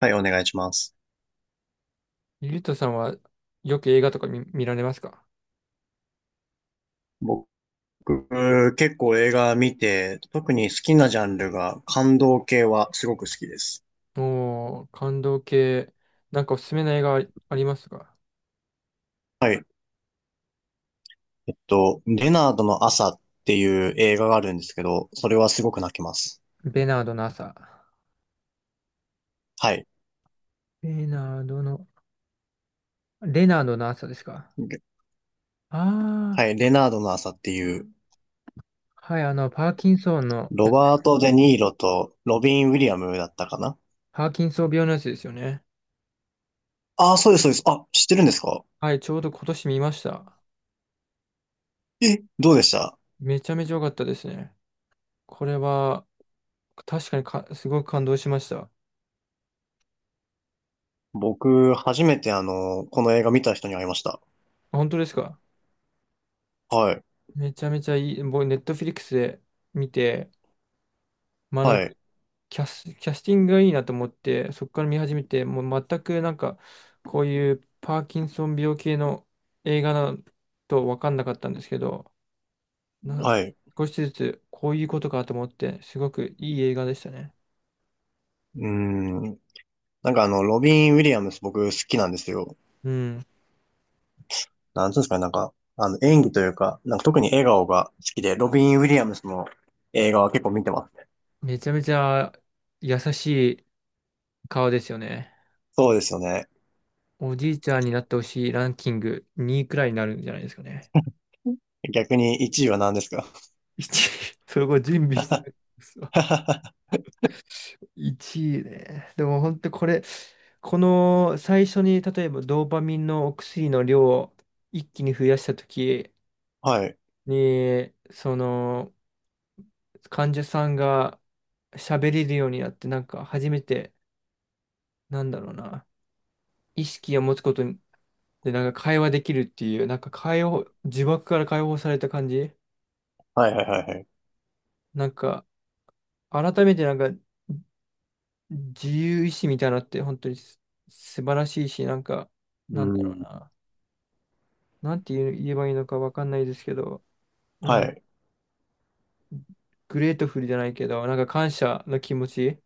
はい、お願いします。ゆうとさんはよく映画とか見られますか？僕、結構映画見て、特に好きなジャンルが感動系はすごく好きです。おー、感動系。なんかおすすめの映画ありますか？はい。レナードの朝っていう映画があるんですけど、それはすごく泣きます。ベナードの朝。はい。ベナードの、レナードの朝ですか？であはい、レナードの朝っていう、あー、はい、あの、パーキンソンのやロつ。バート・デ・ニーロとロビン・ウィリアムだったかな。パーキンソン病のやつですよね。ああー、そうです、そうです。あ、知ってるんですか？はい、ちょうど今年見ました。え、どうでした？めちゃめちゃ良かったですね。これは、確かに、すごく感動しました。僕、初めてこの映画見た人に会いました。本当ですか？はい。めちゃめちゃいい。僕、ネットフリックスで見て、まあなんはかい。キャスティングがいいなと思って、そこから見始めて、もう全くなんか、こういうパーキンソン病系の映画なと分かんなかったんですけど、なはい。う少しずつこういうことかと思って、すごくいい映画でしたね。ーん。なんかロビン・ウィリアムス僕好きなんですよ。うん。なんつうんですかね、なんか、演技というか、なんか特に笑顔が好きで、ロビン・ウィリアムスの映画は結構見てます。めちゃめちゃ優しい顔ですよね。そうですよね。おじいちゃんになってほしいランキング2位くらいになるんじゃないですかね。逆に1位は何ですか？ 1位、そこ準備してる。1位ね。でも本当これ、この最初に例えばドーパミンのお薬の量を一気に増やした時はい。に、その患者さんが喋れるようになって、なんか初めて、なんだろうな、意識を持つことでなんか会話できるっていう、なんか呪縛から解放された感じ。はいはいはいはい。なんか改めてなんか自由意志みたいなのって本当に素晴らしいし、なんか、うなんだろうん。な。なんて言えばいいのかわかんないですけど、なはんかい。グレートフルじゃないけど、なんか感謝の気持ち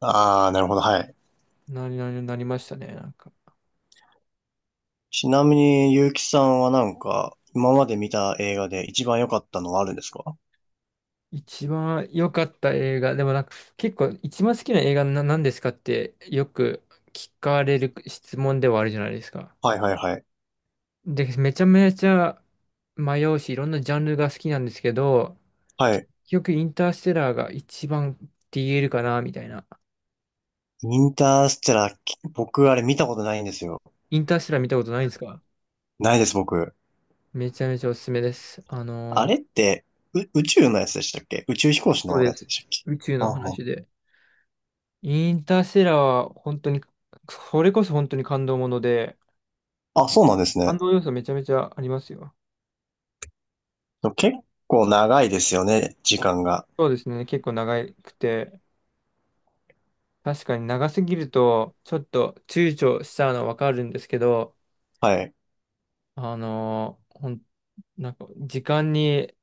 ああ、なるほど、はい。なになになりましたね。なんか、ちなみに、ゆうきさんはなんか、今まで見た映画で一番良かったのはあるんですか？一番良かった映画、でもなんか結構一番好きな映画な何ですかってよく聞かれる質問ではあるじゃないですか。はいはいはい。で、めちゃめちゃ迷うし、いろんなジャンルが好きなんですけど、は結い。局インターステラーが一番って言えるかな、みたいな。インターステラー、僕あれ見たことないんですよ。インターステラー見たことないんですか？ないです、僕。めちゃめちゃおすすめです。あれって、宇宙のやつでしたっけ？宇宙飛行士そうのでやつす。でしたっけ？宇宙あのは話で。インターステラーは本当に、それこそ本当に感動もので、あ、そうなんですね。感動要素めちゃめちゃありますよ。結構長いですよね、時間が。そうですね、結構長くて、確かに長すぎると、ちょっと躊躇しちゃうのはわかるんですけど、はい、あのーほん、なんか、時間に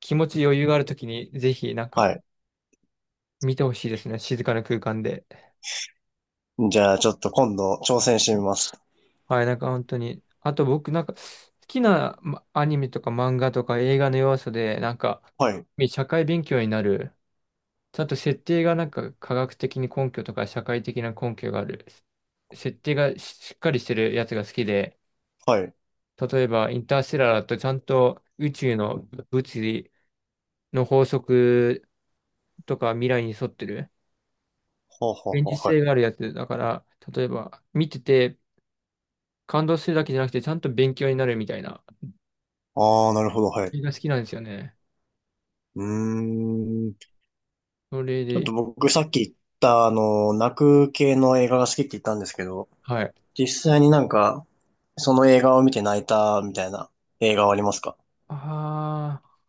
気持ち余裕があるときに、ぜひ、なんはか、い。見てほしいですね、静かな空間で。じゃあ、ちょっと今度挑戦してみます。はい、なんか本当に。あと僕なんか好きなアニメとか漫画とか映画の要素で、なんかはい、社会勉強になる。ちゃんと設定がなんか科学的に根拠とか社会的な根拠がある。設定がしっかりしてるやつが好きで、はい。例えばインターステラーだとちゃんと宇宙の物理の法則とか未来に沿ってる。ほうほう現ほ実う、はい。性があるやつだから、例えば見てて感動するだけじゃなくてちゃんと勉強になるみたいなああ、なるほど、はい。映画好きなんですよね。うーん。それちょっで、と僕さっき言った、泣く系の映画が好きって言ったんですけど、はい。実際になんか、その映画を見て泣いたみたいな映画はありますか？ああ、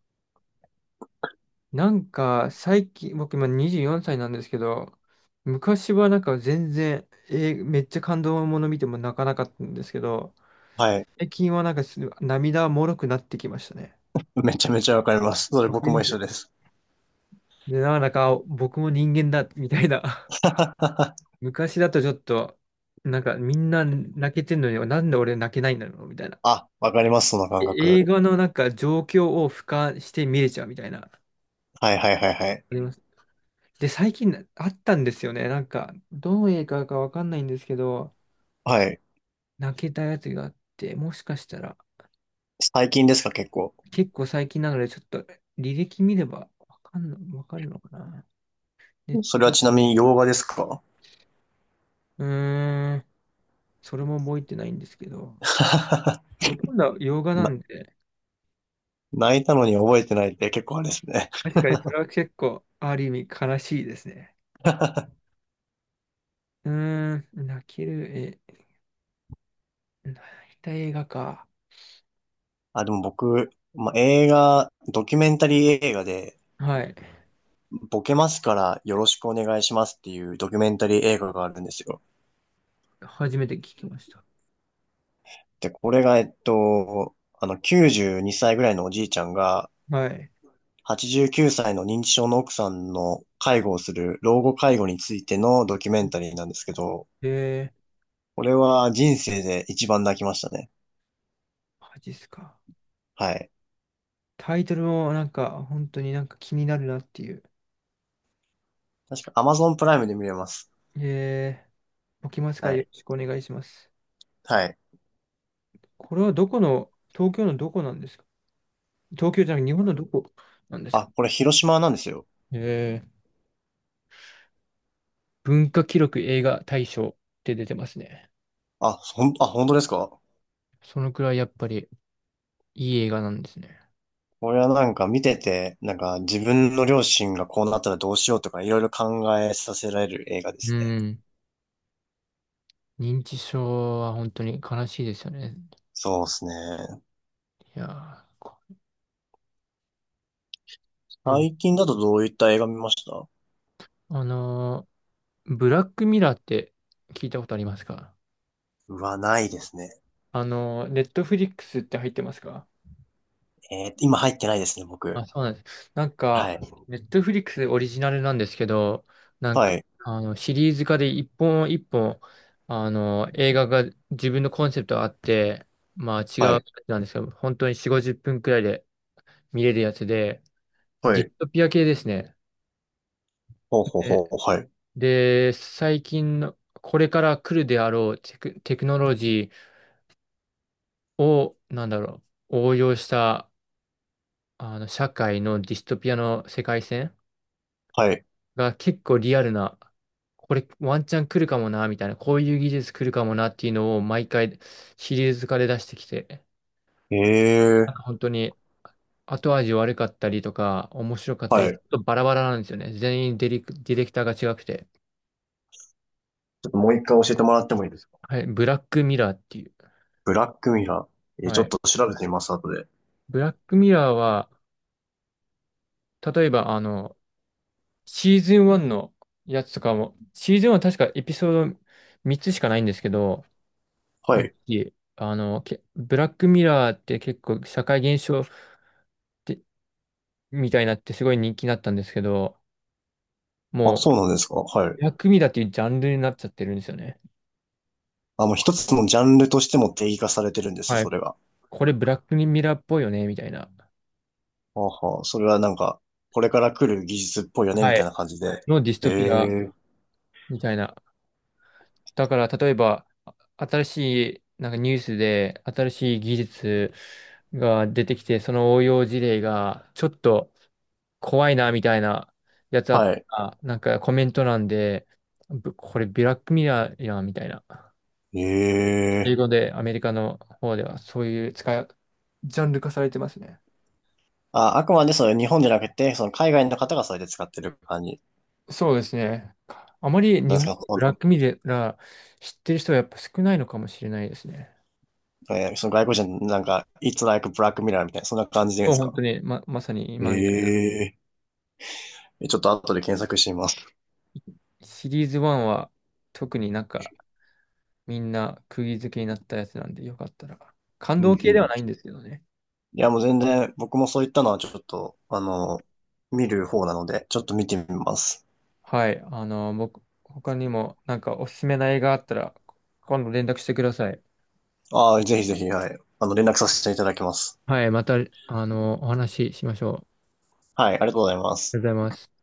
なんか最近、僕今24歳なんですけど、昔はなんか全然、めっちゃ感動もの見ても泣かなかったんですけど、はい。最近はなんか涙もろくなってきましたね。めちゃめちゃわかります。それわか僕りもま一緒す。です。で、なんだか僕も人間だ、みたいな。昔だとちょっと、なんかみんな泣けてんのに、なんで俺泣けないんだろう、みたいな。あ、わかります、その感え映覚。画のなんか状況を俯瞰して見れちゃうみたいな。はいはいはいはい。あります。で、最近あったんですよね。なんか、どの映画かわかんないんですけど、はい。泣けたやつがあって、もしかしたら、最近ですか、結構。結構最近なので、ちょっと履歴見ればわかるのかな。ネッそトれフはリちなみに洋画ですか？ うーん、それも覚えてないんですけど、ほとんど洋画なな、んで、泣いたのに覚えてないって結構あれですね。確かにそれは結構、ある意味悲しいですね。うーん、泣ける、え、泣いた映画か。あ、でも僕、まあ、映画、ドキュメンタリー映画で、はい。ボケますからよろしくお願いしますっていうドキュメンタリー映画があるんですよ。初めて聞きました。で、これが、92歳ぐらいのおじいちゃんが、はい。89歳の認知症の奥さんの介護をする老後介護についてのドキュメンタリーなんですけど、えー、これは人生で一番泣きましたね。マジっすか。はい。タイトルもなんか、本当になんか気になるなっていう。確か Amazon プライムで見れます。え置きますからはよろい。しくお願いします。はい。これはどこの、東京のどこなんですか？東京じゃなくて日本のどこなんですか？あ、これ広島なんですよ。えー、文化記録映画大賞って出てますね。あ、ほん、あ、本当ですか？そのくらいやっぱりいい映画なんですね。これはなんか見てて、なんか自分の両親がこうなったらどうしようとかいろいろ考えさせられる映画でうすね。ん。認知症は本当に悲しいですよね。そうですね。いやー、でも最近だとどういった映画見ました？あのブラックミラーって聞いたことありますか？うわ、ないですね。ネットフリックスって入ってますか？今入ってないですね、僕。あ、そうなんです。なんはか、い。ネットフリックスオリジナルなんですけど、なんはか、い、あの、シリーズ化で一本一本、あの、映画が自分のコンセプトがあって、まあ違うはやい、つなんですけど、本当に4、50分くらいで見れるやつで、はディい。ストピア系ですね。ほうほうほで、う、はい、最近の、これから来るであろうテクノロジーを、なんだろう、応用した、あの、社会のディストピアの世界線はい。が結構リアルな、これワンチャン来るかもな、みたいな、こういう技術来るかもなっていうのを毎回シリーズ化で出してきて、えなえ、んか本当に後味悪かったりとか、面白かったはり、ちょい。っちとバラバラなんですよね。全員ディレクターが違くて。ょっともう一回教えてもらってもいいですか？はい、ブラックミラーっていう。ブラックミラー。ちはょっい。と調べてみます、後で。ブラックミラーは、例えばあの、シーズン1のやつとかも、シーズン1は確かエピソード3つしかないんですけど、はい。えあの、けブラックミラーって結構社会現象て、みたいになってすごい人気になったんですけど、あ、もう、そうなんですか？はい。ブラックミラーっていうジャンルになっちゃってるんですよね。あ、もう一つのジャンルとしても定義化されてるんです、はそい。れが。これブラックミラーっぽいよね、みたいな。あはあ、それはなんか、これから来る技術っぽいよね、みはたいい。な感じで。のディスえトピア、え、みたいな。だから、例えば、あ新しい、なんかニュースで、新しい技術が出てきて、その応用事例が、ちょっと怖いな、みたいなやつあったはい。ら、なんかコメント欄で、これブラックミラーやん、みたいな。え英語え。でアメリカの方ではそういうジャンル化されてますね。あ、あくまでそれ日本じゃなくて、その海外の方がそれで使ってる感じそうですね。あまり日なんです本か？でブラックミラー知ってる人はやっぱ少ないのかもしれないですね。その外国人なんか、It's like Black Mirror みたいな、そんな感じで言うんそでうす本当か？にまさに今みたいええー、ちょっと後で検索してみます。に。シリーズ1は特になんかみんな釘付けになったやつなんでよかったら。感うん動う系ではん。ないんですけどね。いや、もう全然、僕もそういったのはちょっと、見る方なので、ちょっと見てみます。はい。僕、他にもなんかおすすめな映画あったら今度連絡してください。ああ、ぜひぜひ、はい。連絡させていただきます。はい。また、お話ししましょう。あはい、ありがとうございまりす。がとうございます。